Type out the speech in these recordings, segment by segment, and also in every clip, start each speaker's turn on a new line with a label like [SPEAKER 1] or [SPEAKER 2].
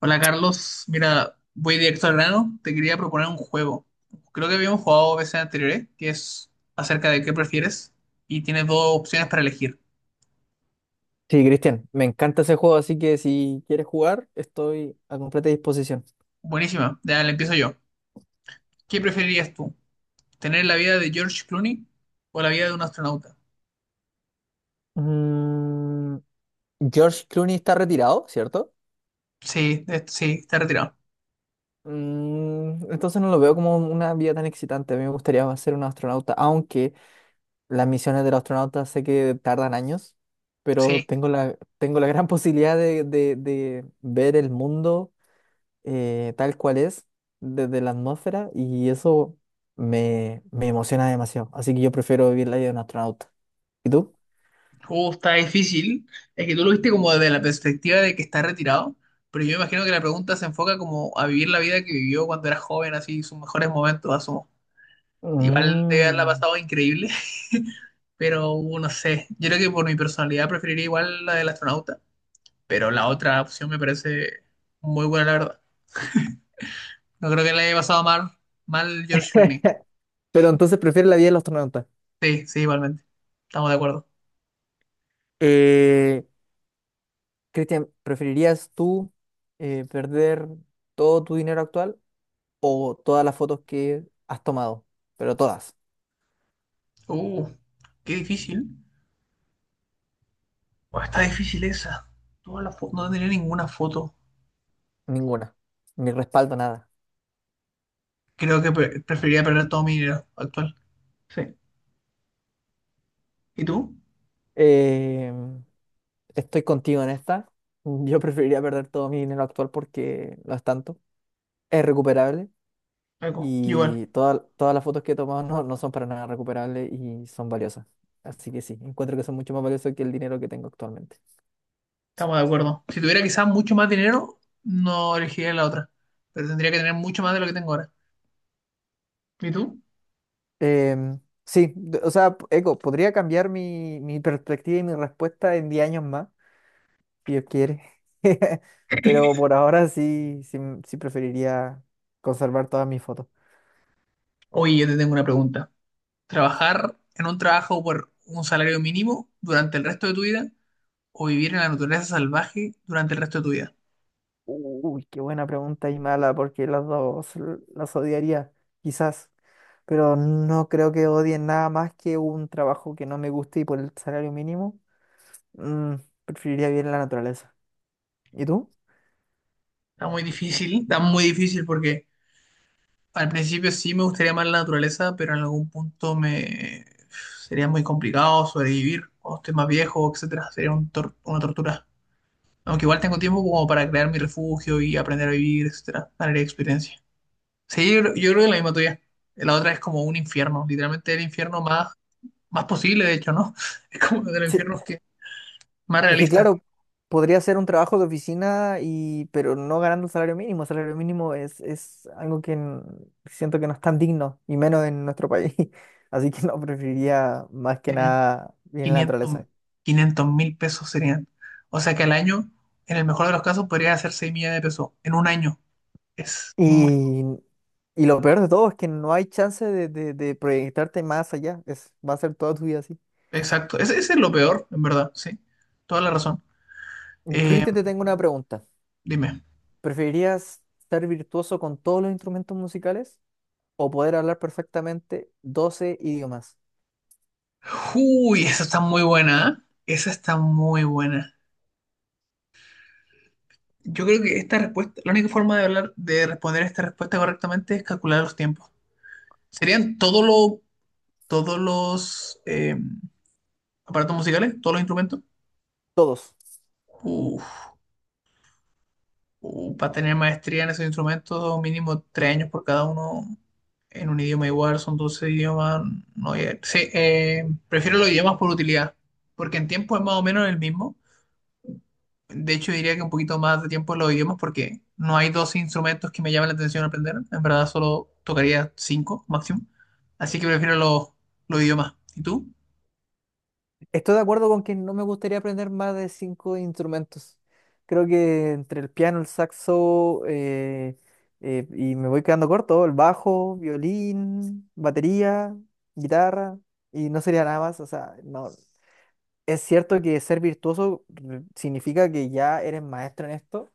[SPEAKER 1] Hola Carlos, mira, voy directo al grano. Te quería proponer un juego. Creo que habíamos jugado veces anteriores, que es acerca de qué prefieres y tienes dos opciones para elegir.
[SPEAKER 2] Sí, Cristian, me encanta ese juego, así que si quieres jugar, estoy a completa disposición.
[SPEAKER 1] Buenísima, ya le empiezo yo. ¿Qué preferirías tú? ¿Tener la vida de George Clooney o la vida de un astronauta?
[SPEAKER 2] Mm, George Clooney está retirado, ¿cierto?
[SPEAKER 1] Sí, sí, está retirado.
[SPEAKER 2] Entonces no lo veo como una vida tan excitante. A mí me gustaría ser un astronauta, aunque las misiones del astronauta sé que tardan años, pero
[SPEAKER 1] Sí,
[SPEAKER 2] tengo la gran posibilidad de ver el mundo tal cual es desde la atmósfera y eso me emociona demasiado. Así que yo prefiero vivir la vida de un astronauta. ¿Y tú?
[SPEAKER 1] Está difícil. Es que tú lo viste como desde la perspectiva de que está retirado, pero yo imagino que la pregunta se enfoca como a vivir la vida que vivió cuando era joven, así sus mejores momentos, asumo. Igual debe haberla
[SPEAKER 2] Mm.
[SPEAKER 1] pasado increíble, pero no sé. Yo creo que por mi personalidad preferiría igual la del astronauta, pero la otra opción me parece muy buena, la verdad. No creo que la haya pasado mal, George Clooney.
[SPEAKER 2] Pero entonces prefiere la vida del astronauta.
[SPEAKER 1] Sí, sí, igualmente. Estamos de acuerdo.
[SPEAKER 2] Eh, Cristian, ¿preferirías tú perder todo tu dinero actual o todas las fotos que has tomado? Pero todas,
[SPEAKER 1] Uh, qué difícil. Buah, está difícil esa. No tenía ninguna foto.
[SPEAKER 2] ninguna, ni respaldo, nada.
[SPEAKER 1] Creo que preferiría perder todo mi dinero actual. Sí. ¿Y tú?
[SPEAKER 2] Eh, estoy contigo en esta. Yo preferiría perder todo mi dinero actual porque no es tanto. Es recuperable.
[SPEAKER 1] Algo. Igual.
[SPEAKER 2] Y todas las fotos que he tomado no, no son para nada recuperables y son valiosas. Así que sí, encuentro que son mucho más valiosas que el dinero que tengo actualmente.
[SPEAKER 1] Estamos de acuerdo. Si tuviera quizás mucho más dinero, no elegiría la otra. Pero tendría que tener mucho más de lo que tengo ahora. ¿Y tú?
[SPEAKER 2] Em, sí, o sea, Eco, podría cambiar mi perspectiva y mi respuesta en 10 años más, si Dios quiere. Pero por ahora sí, sí, sí preferiría conservar todas mis fotos.
[SPEAKER 1] Oye, yo te tengo una pregunta. ¿Trabajar en un trabajo por un salario mínimo durante el resto de tu vida o vivir en la naturaleza salvaje durante el resto de tu vida?
[SPEAKER 2] Uy, qué buena pregunta y mala, porque las odiaría, quizás. Pero no creo que odien nada más que un trabajo que no me guste y por el salario mínimo, mm, preferiría vivir en la naturaleza. ¿Y tú?
[SPEAKER 1] Está muy difícil porque al principio sí me gustaría más la naturaleza, pero en algún punto me sería muy complicado sobrevivir cuando esté más viejo, etcétera. Sería una tortura. Aunque igual tengo tiempo como para crear mi refugio y aprender a vivir, etcétera, ganar experiencia. Sí, yo creo que la misma tuya. La otra es como un infierno, literalmente el infierno más posible, de hecho, ¿no? Es como uno de los
[SPEAKER 2] Sí,
[SPEAKER 1] infiernos que más
[SPEAKER 2] es que
[SPEAKER 1] realista.
[SPEAKER 2] claro, podría ser un trabajo de oficina y pero no ganando el salario mínimo. El salario mínimo es algo que siento que no es tan digno, y menos en nuestro país. Así que no, preferiría más que nada vivir en la
[SPEAKER 1] 500,
[SPEAKER 2] naturaleza.
[SPEAKER 1] 500 mil pesos serían. O sea que al año, en el mejor de los casos, podría hacer 6 millones de pesos. En un año. Es muy poco.
[SPEAKER 2] Y, y lo peor de todo es que no hay chance de proyectarte más allá. Es, va a ser toda tu vida así.
[SPEAKER 1] Exacto. Ese es lo peor, en verdad, sí. Toda la razón.
[SPEAKER 2] Yo,
[SPEAKER 1] Eh,
[SPEAKER 2] Cristian, te tengo una pregunta.
[SPEAKER 1] dime.
[SPEAKER 2] ¿Preferirías ser virtuoso con todos los instrumentos musicales o poder hablar perfectamente 12 idiomas?
[SPEAKER 1] Uy, esa está muy buena, ¿eh? Esa está muy buena. Yo creo que esta respuesta, la única forma de hablar, de responder esta respuesta correctamente es calcular los tiempos. ¿Serían todos los aparatos musicales, todos los instrumentos?
[SPEAKER 2] Todos.
[SPEAKER 1] Uf, para tener maestría en esos instrumentos, mínimo 3 años por cada uno en un idioma igual, son 12 idiomas. No, sí, prefiero los idiomas por utilidad, porque en tiempo es más o menos el mismo. De hecho, diría que un poquito más de tiempo en los idiomas porque no hay dos instrumentos que me llamen la atención aprender. En verdad, solo tocaría cinco máximo. Así que prefiero los idiomas. ¿Y tú?
[SPEAKER 2] Estoy de acuerdo con que no me gustaría aprender más de cinco instrumentos. Creo que entre el piano, el saxo, y me voy quedando corto, el bajo, violín, batería, guitarra, y no sería nada más. O sea, no. Es cierto que ser virtuoso significa que ya eres maestro en esto.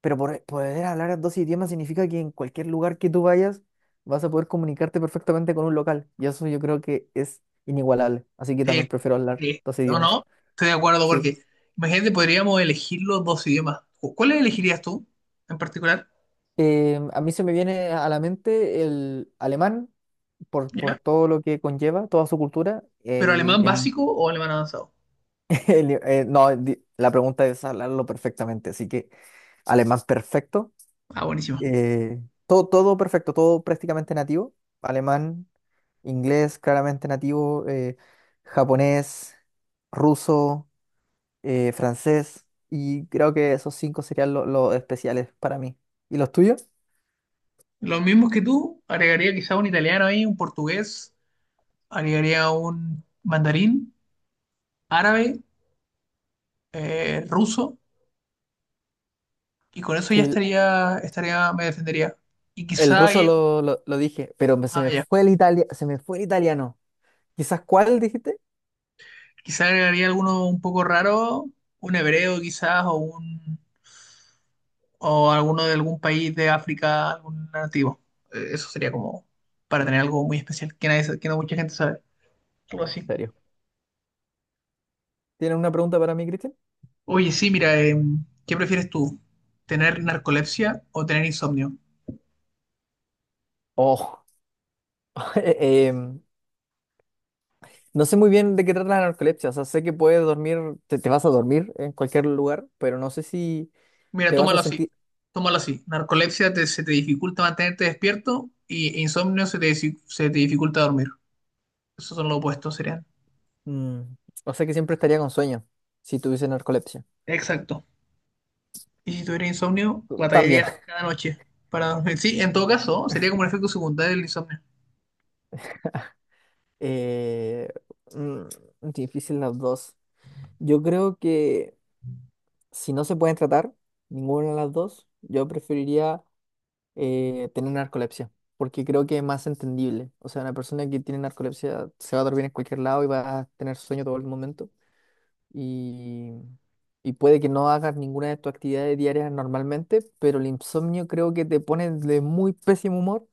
[SPEAKER 2] Pero poder hablar dos idiomas significa que en cualquier lugar que tú vayas vas a poder comunicarte perfectamente con un local. Y eso yo creo que es inigualable. Así que también
[SPEAKER 1] Sí,
[SPEAKER 2] prefiero hablar
[SPEAKER 1] sí.
[SPEAKER 2] dos
[SPEAKER 1] ¿O
[SPEAKER 2] idiomas.
[SPEAKER 1] no? Estoy de acuerdo
[SPEAKER 2] Sí.
[SPEAKER 1] porque, imagínate, podríamos elegir los dos idiomas. ¿Cuál elegirías tú en particular?
[SPEAKER 2] A mí se me viene a la mente el alemán por
[SPEAKER 1] ¿Ya?
[SPEAKER 2] todo lo que conlleva, toda su cultura.
[SPEAKER 1] ¿Pero alemán básico o alemán avanzado?
[SPEAKER 2] No, la pregunta es hablarlo perfectamente. Así que alemán perfecto.
[SPEAKER 1] Ah, buenísimo.
[SPEAKER 2] Eh, todo perfecto, todo prácticamente nativo. Alemán, inglés claramente nativo, japonés, ruso, francés. Y creo que esos cinco serían los especiales para mí. ¿Y los tuyos?
[SPEAKER 1] Los mismos que tú, agregaría quizá un italiano ahí, un portugués, agregaría un mandarín, árabe, ruso. Y con eso
[SPEAKER 2] Sí,
[SPEAKER 1] ya
[SPEAKER 2] el
[SPEAKER 1] estaría, me defendería. Y
[SPEAKER 2] el
[SPEAKER 1] quizá,
[SPEAKER 2] ruso lo dije, pero se
[SPEAKER 1] ah,
[SPEAKER 2] me
[SPEAKER 1] ya,
[SPEAKER 2] fue se me fue el italiano. ¿Quizás cuál dijiste? ¿En
[SPEAKER 1] quizá agregaría alguno un poco raro, un hebreo quizás, o alguno de algún país de África, algún nativo. Eso sería como para tener algo muy especial que, nadie, sa- que no mucha gente sabe. Algo así.
[SPEAKER 2] serio? ¿Tienes una pregunta para mí, Cristian?
[SPEAKER 1] Oye, sí, mira, ¿qué prefieres tú? ¿Tener narcolepsia o tener insomnio?
[SPEAKER 2] Oh, em, no sé muy bien de qué trata la narcolepsia, o sea, sé que puedes dormir, te vas a dormir en cualquier lugar, pero no sé si
[SPEAKER 1] Mira,
[SPEAKER 2] te vas a
[SPEAKER 1] tómalo así.
[SPEAKER 2] sentir,
[SPEAKER 1] Tómalo así. Narcolepsia se te dificulta mantenerte despierto e insomnio se te dificulta dormir. Esos son los opuestos, serían.
[SPEAKER 2] mm, o sea que siempre estaría con sueño si tuviese narcolepsia.
[SPEAKER 1] Exacto. Y si tuviera insomnio,
[SPEAKER 2] También.
[SPEAKER 1] batallarías cada noche para dormir. Sí, en todo caso, sería como un efecto secundario del insomnio.
[SPEAKER 2] Eh, mm, difícil las dos. Yo creo que si no se pueden tratar ninguna de las dos, yo preferiría tener narcolepsia, porque creo que es más entendible. O sea, una persona que tiene narcolepsia se va a dormir en cualquier lado y va a tener sueño todo el momento. Y, y puede que no hagas ninguna de tus actividades diarias normalmente, pero el insomnio creo que te pone de muy pésimo humor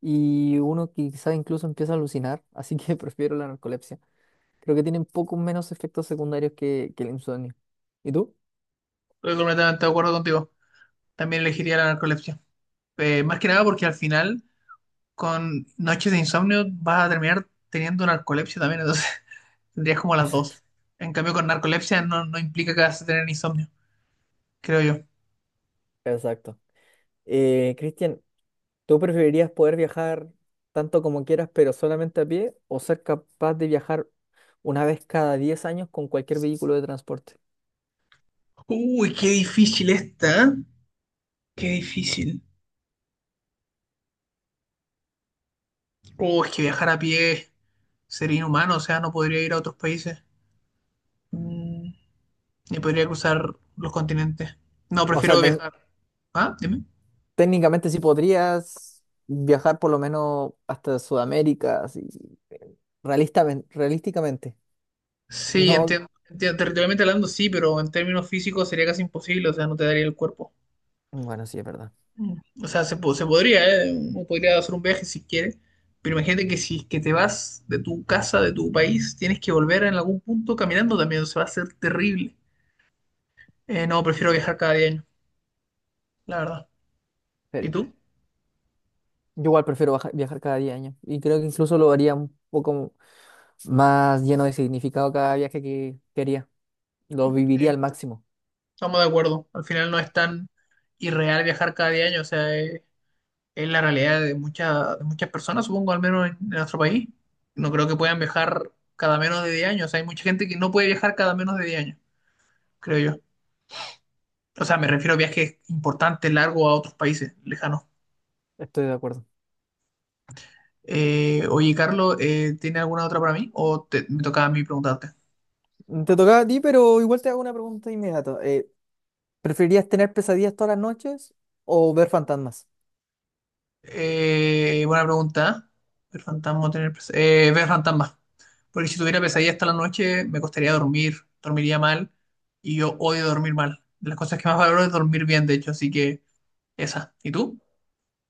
[SPEAKER 2] y uno quizás incluso empieza a alucinar, así que prefiero la narcolepsia. Creo que tienen poco menos efectos secundarios que el insomnio. ¿Y tú?
[SPEAKER 1] Estoy completamente de acuerdo contigo. También elegiría la narcolepsia. Más que nada porque al final, con noches de insomnio, vas a terminar teniendo narcolepsia también. Entonces, tendrías como las
[SPEAKER 2] Exacto,
[SPEAKER 1] dos. En cambio, con narcolepsia no, no implica que vas a tener insomnio, creo yo.
[SPEAKER 2] exacto. Cristian, ¿tú preferirías poder viajar tanto como quieras, pero solamente a pie, o ser capaz de viajar una vez cada 10 años con cualquier vehículo de transporte?
[SPEAKER 1] Uy, qué difícil esta. ¿Eh? Qué difícil. Uy, es que viajar a pie sería inhumano. O sea, no podría ir a otros países. Mm, y podría cruzar los continentes. No,
[SPEAKER 2] O sea,
[SPEAKER 1] prefiero
[SPEAKER 2] ten-
[SPEAKER 1] viajar. ¿Ah? Dime.
[SPEAKER 2] técnicamente sí podrías viajar por lo menos hasta Sudamérica, así, realísticamente.
[SPEAKER 1] Sí,
[SPEAKER 2] No,
[SPEAKER 1] entiendo. Territorialmente hablando, sí, pero en términos físicos sería casi imposible, o sea, no te daría el cuerpo.
[SPEAKER 2] bueno, sí, es verdad.
[SPEAKER 1] Mm. O sea, se podría, ¿eh? Uno podría hacer un viaje si quiere, pero imagínate que si es que te vas de tu casa, de tu país, tienes que volver en algún punto caminando también, se va a ser terrible. No, prefiero viajar cada 10 la verdad. ¿Y
[SPEAKER 2] Serio.
[SPEAKER 1] tú?
[SPEAKER 2] Yo igual prefiero viajar cada 10 años y creo que incluso lo haría un poco más lleno de significado cada viaje que quería. Lo viviría
[SPEAKER 1] Sí,
[SPEAKER 2] al máximo.
[SPEAKER 1] estamos de acuerdo. Al final no es tan irreal viajar cada 10 años, o sea, es la realidad de muchas personas, supongo, al menos en nuestro país. No creo que puedan viajar cada menos de 10 años. O sea, hay mucha gente que no puede viajar cada menos de 10 años, creo yo. O sea, me refiero a viajes importantes, largos a otros países lejanos.
[SPEAKER 2] Estoy de acuerdo.
[SPEAKER 1] Oye, Carlos, ¿tiene alguna otra para mí? ¿O me tocaba a mí preguntarte?
[SPEAKER 2] Te tocaba a ti, pero igual te hago una pregunta inmediata. ¿Preferirías tener pesadillas todas las noches o ver fantasmas?
[SPEAKER 1] Buena pregunta. Ver fantasmas. Porque si tuviera pesadillas hasta la noche, me costaría dormir, dormiría mal. Y yo odio dormir mal. De las cosas que más valoro es dormir bien, de hecho. Así que esa. ¿Y tú?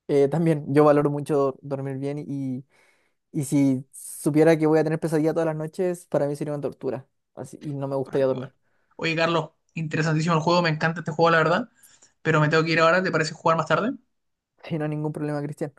[SPEAKER 2] También, yo valoro mucho dormir bien. Y si supiera que voy a tener pesadilla todas las noches, para mí sería una tortura. Así, y no me
[SPEAKER 1] Bueno,
[SPEAKER 2] gustaría
[SPEAKER 1] igual.
[SPEAKER 2] dormir.
[SPEAKER 1] Oye, Carlos, interesantísimo el juego, me encanta este juego, la verdad. Pero me tengo que ir ahora, ¿te parece jugar más tarde?
[SPEAKER 2] Y no hay ningún problema, Cristian.